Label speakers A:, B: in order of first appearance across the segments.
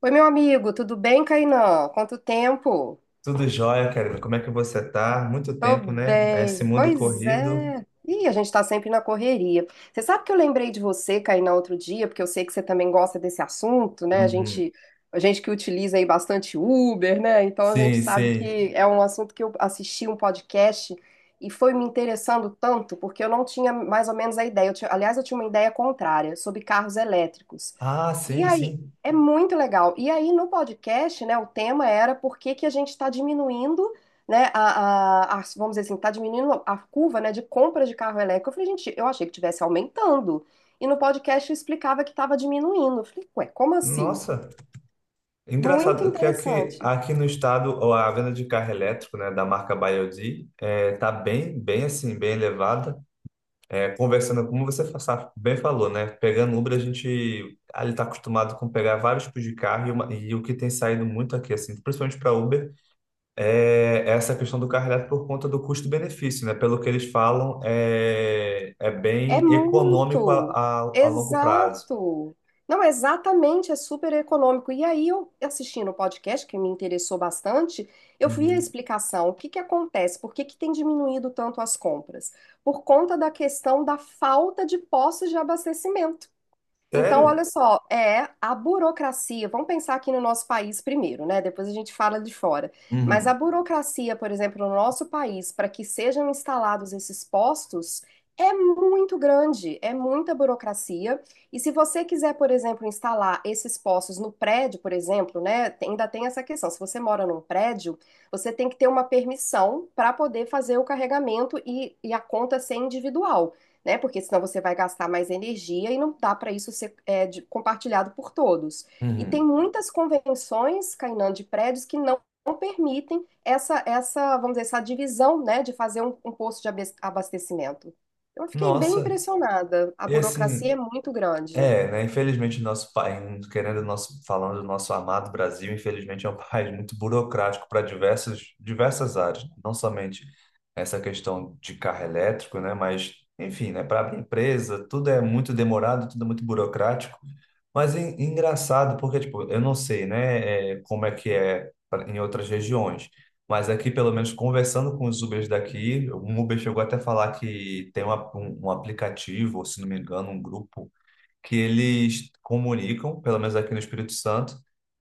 A: Oi, meu amigo, tudo bem, Kainan? Quanto tempo?
B: Tudo jóia, Karina. Como é que você tá? Muito
A: Tô
B: tempo, né? Esse
A: bem.
B: mundo
A: Pois
B: corrido.
A: é. Ih, a gente tá sempre na correria. Você sabe que eu lembrei de você, Kainá, outro dia, porque eu sei que você também gosta desse assunto, né? A
B: Uhum.
A: gente, a gente que utiliza aí bastante Uber, né? Então a gente
B: Sim,
A: sabe
B: sim.
A: que é um assunto que eu assisti um podcast e foi me interessando tanto, porque eu não tinha mais ou menos a ideia. Aliás, eu tinha uma ideia contrária sobre carros elétricos.
B: Ah,
A: E
B: sim,
A: aí,
B: sim.
A: é muito legal. E aí no podcast, né, o tema era por que que a gente está diminuindo, né, vamos dizer assim, tá diminuindo a curva, né, de compra de carro elétrico. Eu falei, gente, eu achei que tivesse aumentando. E no podcast eu explicava que estava diminuindo. Eu falei, ué, como assim?
B: Nossa,
A: Muito
B: engraçado que aqui,
A: interessante.
B: no estado ó, a venda de carro elétrico, né, da marca BYD, tá bem, bem elevada. É, conversando, como você bem falou, né, pegando Uber a gente ali tá acostumado com pegar vários tipos de carro e o que tem saído muito aqui, assim, principalmente para Uber. É essa questão do carro elétrico por conta do custo-benefício, né? Pelo que eles falam, é
A: É
B: bem econômico
A: muito.
B: a longo prazo.
A: Exato. Não, exatamente, é super econômico. E aí eu assistindo o podcast, que me interessou bastante, eu fui a
B: Uhum.
A: explicação, o que que acontece, por que que tem diminuído tanto as compras? Por conta da questão da falta de postos de abastecimento. Então, olha
B: Sério?
A: só, é a burocracia. Vamos pensar aqui no nosso país primeiro, né? Depois a gente fala de fora. Mas a
B: Uhum,
A: burocracia, por exemplo, no nosso país, para que sejam instalados esses postos, é muito grande, é muita burocracia. E se você quiser, por exemplo, instalar esses postos no prédio, por exemplo, né? Ainda tem essa questão. Se você mora num prédio, você tem que ter uma permissão para poder fazer o carregamento e a conta ser individual, né? Porque senão você vai gastar mais energia e não dá para isso ser, compartilhado por todos. E tem
B: uhum.
A: muitas convenções, Kainan, de prédios que não permitem essa, vamos dizer, essa divisão, né, de fazer um, um posto de abastecimento. Eu fiquei bem
B: Nossa,
A: impressionada. A
B: e
A: burocracia
B: assim,
A: é muito grande.
B: é, né? Infelizmente, o nosso país, querendo o nosso, falando do nosso amado Brasil, infelizmente é um país muito burocrático para diversas áreas, né, não somente essa questão de carro elétrico, né? Mas, enfim, né? Para abrir empresa, tudo é muito demorado, tudo é muito burocrático. Mas é engraçado, porque, tipo, eu não sei, né? Como é que é em outras regiões. Mas aqui, pelo menos, conversando com os Ubers daqui, um Uber chegou até a falar que tem um aplicativo, ou se não me engano, um grupo que eles comunicam, pelo menos aqui no Espírito Santo,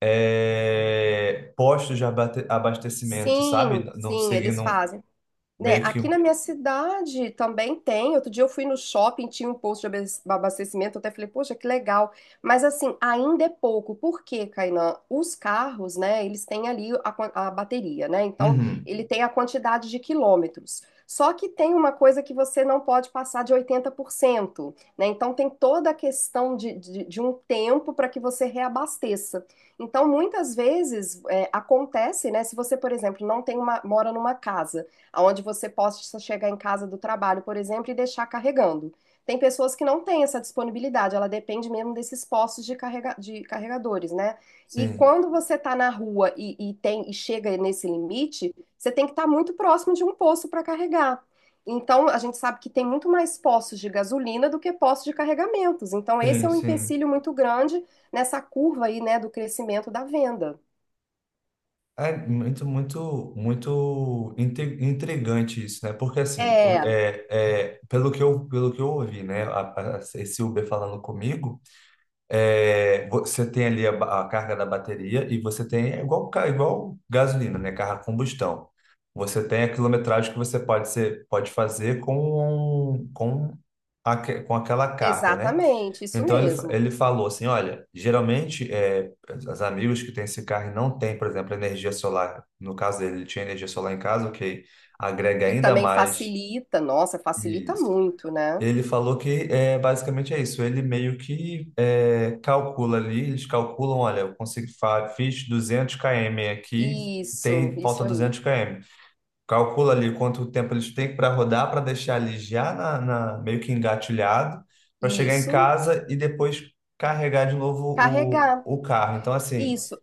B: é, postos de abastecimento, sabe?
A: Sim,
B: Não
A: sim, eles
B: seguindo
A: fazem. Né,
B: meio que
A: aqui
B: um.
A: na minha cidade também tem. Outro dia eu fui no shopping, tinha um posto de abastecimento, eu até falei, poxa, que legal. Mas assim, ainda é pouco. Por quê, Kainan? Os carros, né, eles têm ali a, a bateria, né? Então,
B: Uhum,
A: ele tem a quantidade de quilômetros. Só que tem uma coisa que você não pode passar de 80%, né? Então, tem toda a questão de um tempo para que você reabasteça. Então, muitas vezes acontece, né? Se você, por exemplo, não tem uma, mora numa casa onde você possa chegar em casa do trabalho, por exemplo, e deixar carregando. Tem pessoas que não têm essa disponibilidade, ela depende mesmo desses postos de, de carregadores, né? E
B: sim,
A: quando você está na rua e chega nesse limite, você tem que estar muito próximo de um posto para carregar. Então, a gente sabe que tem muito mais postos de gasolina do que postos de carregamentos. Então, esse é
B: sim,
A: um
B: sim.
A: empecilho muito grande nessa curva aí, né, do crescimento da venda.
B: É muito, muito, muito intrigante isso, né? Porque assim,
A: É,
B: pelo que eu ouvi, né? Esse Uber falando comigo. É, você tem ali a carga da bateria e você tem, é igual, igual gasolina, né? Carro a combustão. Você tem a quilometragem que você pode, pode fazer com, com aquela carga, né?
A: exatamente, isso
B: Então
A: mesmo.
B: ele falou assim: olha, geralmente é, os amigos que têm esse carro e não têm, por exemplo, energia solar, no caso dele, ele tinha energia solar em casa, o que agrega
A: Que
B: ainda
A: também
B: mais.
A: facilita, nossa, facilita
B: Isso.
A: muito, né?
B: Ele falou que é, basicamente é isso. Ele meio que é, calcula ali, eles calculam, olha, eu consigo, fiz 200 km aqui,
A: Isso,
B: tem
A: isso
B: falta
A: aí.
B: 200 km. Calcula ali quanto tempo eles têm para rodar, para deixar ali já meio que engatilhado, para chegar em
A: Isso,
B: casa e depois carregar de novo
A: carregar.
B: o carro. Então, assim,
A: Isso,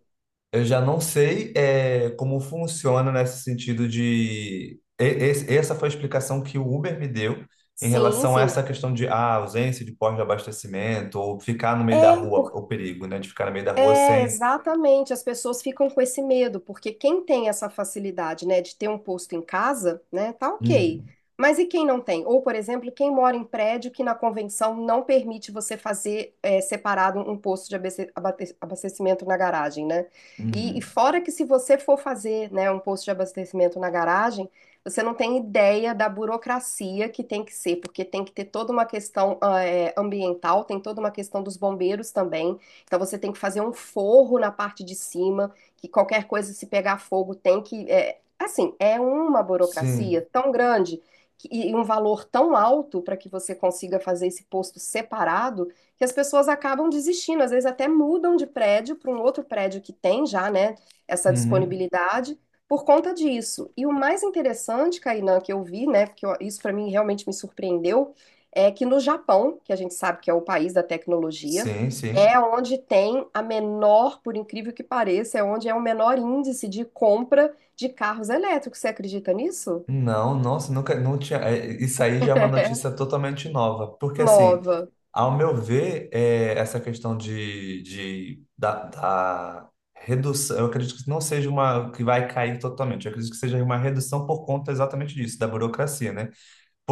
B: eu já não sei é, como funciona nesse sentido de. Essa foi a explicação que o Uber me deu em
A: sim,
B: relação a
A: sim.
B: essa questão de ah, ausência de posto de abastecimento ou ficar no meio da
A: É.
B: rua, o perigo, né? De ficar no meio da rua
A: É,
B: sem.
A: exatamente. As pessoas ficam com esse medo, porque quem tem essa facilidade, né, de ter um posto em casa, né, tá ok.
B: Uhum,
A: Mas e quem não tem? Ou, por exemplo, quem mora em prédio que na convenção não permite você fazer, separado, um posto de abastecimento na garagem, né? E
B: uhum.
A: fora que se você for fazer, né, um posto de abastecimento na garagem, você não tem ideia da burocracia que tem que ser, porque tem que ter toda uma questão, ambiental, tem toda uma questão dos bombeiros também. Então você tem que fazer um forro na parte de cima, que qualquer coisa se pegar fogo tem que. Assim, é uma burocracia
B: Sim.
A: tão grande e um valor tão alto para que você consiga fazer esse posto separado, que as pessoas acabam desistindo, às vezes até mudam de prédio para um outro prédio que tem já, né, essa
B: Uhum.
A: disponibilidade por conta disso. E o mais interessante, Kainan, que eu vi, né, porque isso para mim realmente me surpreendeu, é que no Japão, que a gente sabe que é o país da tecnologia,
B: Sim, sim.
A: é onde tem a menor, por incrível que pareça, é onde é o menor índice de compra de carros elétricos. Você acredita nisso?
B: Não, nossa, nunca, não tinha. Isso aí já é uma
A: É.
B: notícia totalmente nova. Porque assim.
A: Nova.
B: Ao meu ver, é, essa questão da, da redução, eu acredito que não seja uma que vai cair totalmente, eu acredito que seja uma redução por conta exatamente disso, da burocracia, né?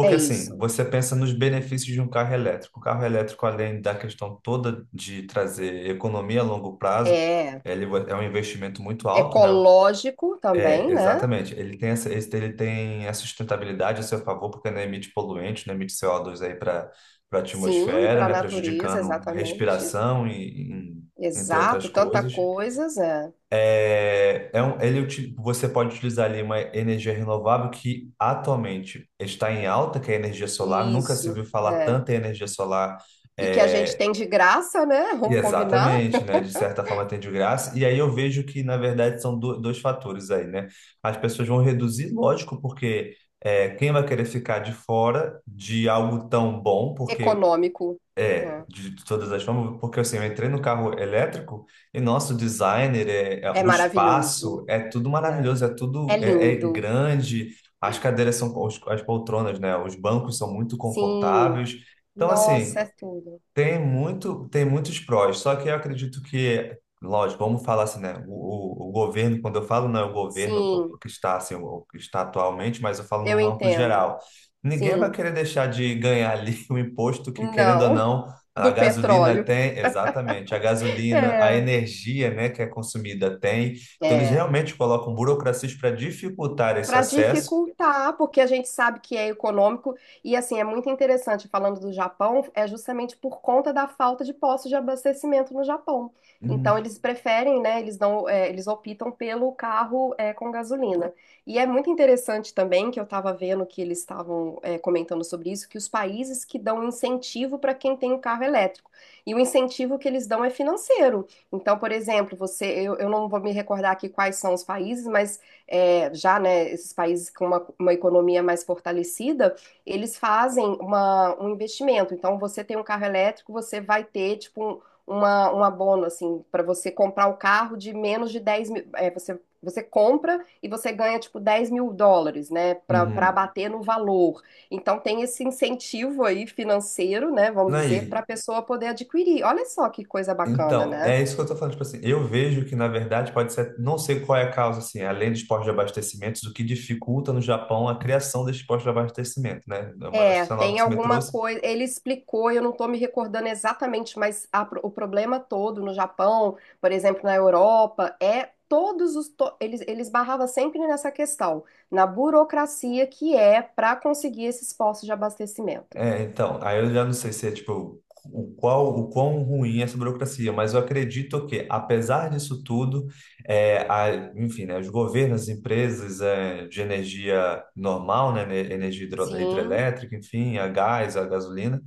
A: É
B: assim,
A: isso.
B: você pensa nos benefícios de um carro elétrico. O carro elétrico, além da questão toda de trazer economia a longo prazo,
A: É,
B: ele é um investimento muito
A: é
B: alto, né?
A: ecológico
B: É,
A: também, né?
B: exatamente. Ele tem essa, ele tem a sustentabilidade a seu favor, porque não emite poluentes, não emite CO2 aí para a
A: Sim,
B: atmosfera,
A: para a
B: né,
A: natureza,
B: prejudicando
A: exatamente.
B: respiração entre
A: Exato,
B: outras
A: tanta
B: coisas.
A: coisa, é.
B: É, você pode utilizar ali uma energia renovável que atualmente está em alta, que é a energia solar. Nunca se
A: Isso,
B: viu falar
A: é.
B: tanto em energia solar
A: E que a gente
B: é,
A: tem de graça, né? Vamos combinar?
B: exatamente, né? De certa forma tem de graça. E aí eu vejo que, na verdade, são dois fatores aí, né? As pessoas vão reduzir, lógico, porque é, quem vai querer ficar de fora de algo tão bom, porque
A: Econômico.
B: é, de todas as formas, porque assim, eu entrei no carro elétrico e nosso designer,
A: É, é
B: o
A: maravilhoso.
B: espaço é tudo
A: É.
B: maravilhoso, é tudo
A: É
B: é
A: lindo.
B: grande, as cadeiras são, as poltronas, né? Os bancos são muito
A: Sim.
B: confortáveis. Então,
A: Nossa,
B: assim.
A: é tudo.
B: Tem muito, tem muitos prós, só que eu acredito que, lógico, vamos falar assim, né? O governo, quando eu falo, não é o governo
A: Sim,
B: que está assim, o que está atualmente, mas eu falo
A: eu
B: num amplo
A: entendo.
B: geral. Ninguém vai
A: Sim.
B: querer deixar de ganhar ali o imposto que, querendo ou
A: Não,
B: não, a
A: do
B: gasolina
A: petróleo.
B: tem, exatamente, a gasolina, a
A: É.
B: energia, né, que é consumida tem. Então, eles
A: É.
B: realmente colocam burocracias para dificultar esse
A: Para
B: acesso.
A: dificultar, porque a gente sabe que é econômico, e assim é muito interessante falando do Japão, é justamente por conta da falta de postos de abastecimento no Japão. Então
B: Uhum,
A: eles preferem, né? Eles não, eles optam pelo carro, com gasolina. E é muito interessante também que eu estava vendo que eles estavam, comentando sobre isso, que os países que dão incentivo para quem tem um carro elétrico, e o incentivo que eles dão é financeiro. Então, por exemplo, você, eu não vou me recordar aqui quais são os países, mas já, né, esses países com uma economia mais fortalecida, eles fazem um investimento. Então, você tem um carro elétrico, você vai ter, tipo, um abono, assim, para você comprar o carro de menos de 10.000. Você, você compra e você ganha, tipo, 10.000 dólares, né, para
B: uhum.
A: abater no valor. Então, tem esse incentivo aí financeiro, né, vamos dizer, para
B: Aí.
A: a pessoa poder adquirir. Olha só que coisa bacana,
B: Então,
A: né?
B: é isso que eu tô falando, tipo assim, eu vejo que na verdade pode ser, não sei qual é a causa, assim, além dos postos de abastecimentos, o que dificulta no Japão a criação desses postos de abastecimento, né? É uma
A: É,
B: notícia nova
A: tem
B: que você me
A: alguma
B: trouxe,
A: coisa. Ele explicou, eu não estou me recordando exatamente, mas a o problema todo no Japão, por exemplo, na Europa, é todos os. Eles, eles barravam sempre nessa questão, na burocracia que é para conseguir esses postos de abastecimento.
B: é, então, aí eu já não sei se é, tipo, o quão ruim é essa burocracia, mas eu acredito que, apesar disso tudo, é, a, enfim, né, os governos, as empresas é, de energia normal, né, energia
A: Sim,
B: hidrelétrica, enfim, a gás, a gasolina,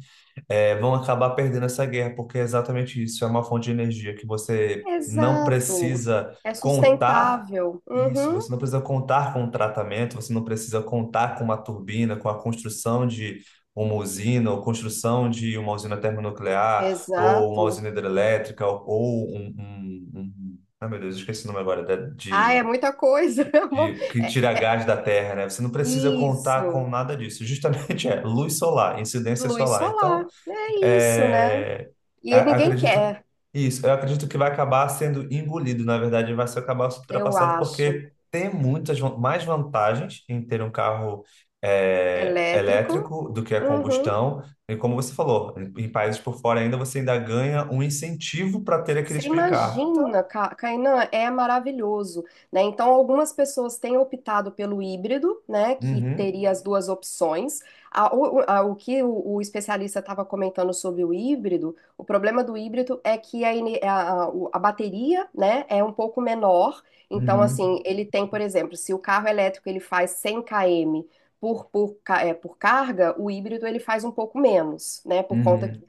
B: é, vão acabar perdendo essa guerra, porque é exatamente isso, é uma fonte de energia que você não
A: exato.
B: precisa
A: É
B: contar
A: sustentável.
B: isso, você
A: Uhum,
B: não precisa contar com um tratamento, você não precisa contar com uma turbina, com a construção de uma usina, ou construção de uma usina termonuclear, ou uma
A: exato.
B: usina hidrelétrica, um... Ah, meu Deus, eu esqueci o nome agora,
A: Ah, é
B: de...
A: muita coisa, amor.
B: De, que tira gás da terra, né? Você não precisa contar com
A: Isso.
B: nada disso. Justamente é luz solar, incidência
A: Luz
B: solar. Então,
A: solar. É isso, né?
B: é,
A: E ninguém
B: acredito
A: quer.
B: isso, eu acredito que vai acabar sendo engolido, na verdade, vai ser acabar sendo
A: Eu
B: ultrapassado
A: acho.
B: porque tem mais vantagens em ter um carro é,
A: Elétrico.
B: elétrico do que a
A: Uhum.
B: combustão. E como você falou, em países por fora ainda você ainda ganha um incentivo para ter aquele
A: Você
B: tipo de carro. Então,
A: imagina, Kainan, é maravilhoso, né? Então, algumas pessoas têm optado pelo híbrido, né? Que
B: uhum,
A: teria as duas opções. O que o especialista estava comentando sobre o híbrido, o problema do híbrido é que a, a bateria, né, é um pouco menor. Então,
B: uhum,
A: assim, ele tem, por exemplo, se o carro elétrico ele faz 100 km por carga, o híbrido ele faz um pouco menos, né? Por conta que
B: uhum.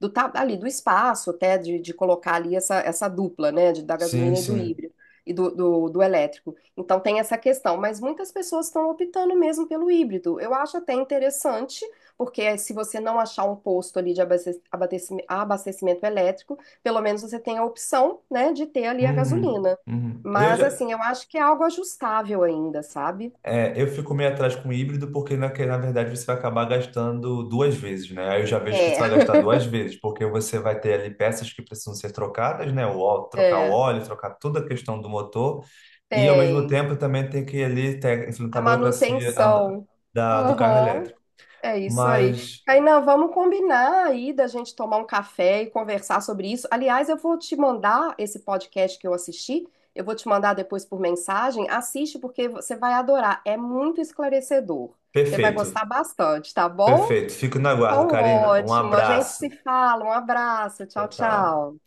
A: do ali do espaço até de colocar ali essa, dupla, né, de, da
B: Sim,
A: gasolina e do
B: sim.
A: híbrido e do, do, do elétrico. Então tem essa questão, mas muitas pessoas estão optando mesmo pelo híbrido. Eu acho até interessante, porque se você não achar um posto ali de abastecimento elétrico, pelo menos você tem a opção, né, de ter ali a
B: Uhum,
A: gasolina.
B: uhum. Eu
A: Mas
B: já
A: assim, eu acho que é algo ajustável ainda, sabe?
B: é, eu fico meio atrás com o híbrido porque na verdade você vai acabar gastando duas vezes, né? Aí eu já vejo que você
A: É,
B: vai gastar duas vezes, porque você vai ter ali peças que precisam ser trocadas, né? O
A: é,
B: óleo, trocar toda a questão do motor e ao mesmo
A: tem.
B: tempo também tem que ali ter, enfrentar
A: A
B: a burocracia
A: manutenção.
B: da, do carro
A: Aham.
B: elétrico.
A: É isso aí.
B: Mas
A: Kainan, vamos combinar aí da gente tomar um café e conversar sobre isso. Aliás, eu vou te mandar esse podcast que eu assisti, eu vou te mandar depois por mensagem. Assiste porque você vai adorar. É muito esclarecedor. Você vai
B: perfeito,
A: gostar bastante, tá bom?
B: perfeito. Fico no aguardo,
A: Então,
B: Karina. Um
A: ótimo. A gente se
B: abraço.
A: fala. Um abraço.
B: Tchau,
A: Tchau,
B: tchau.
A: tchau.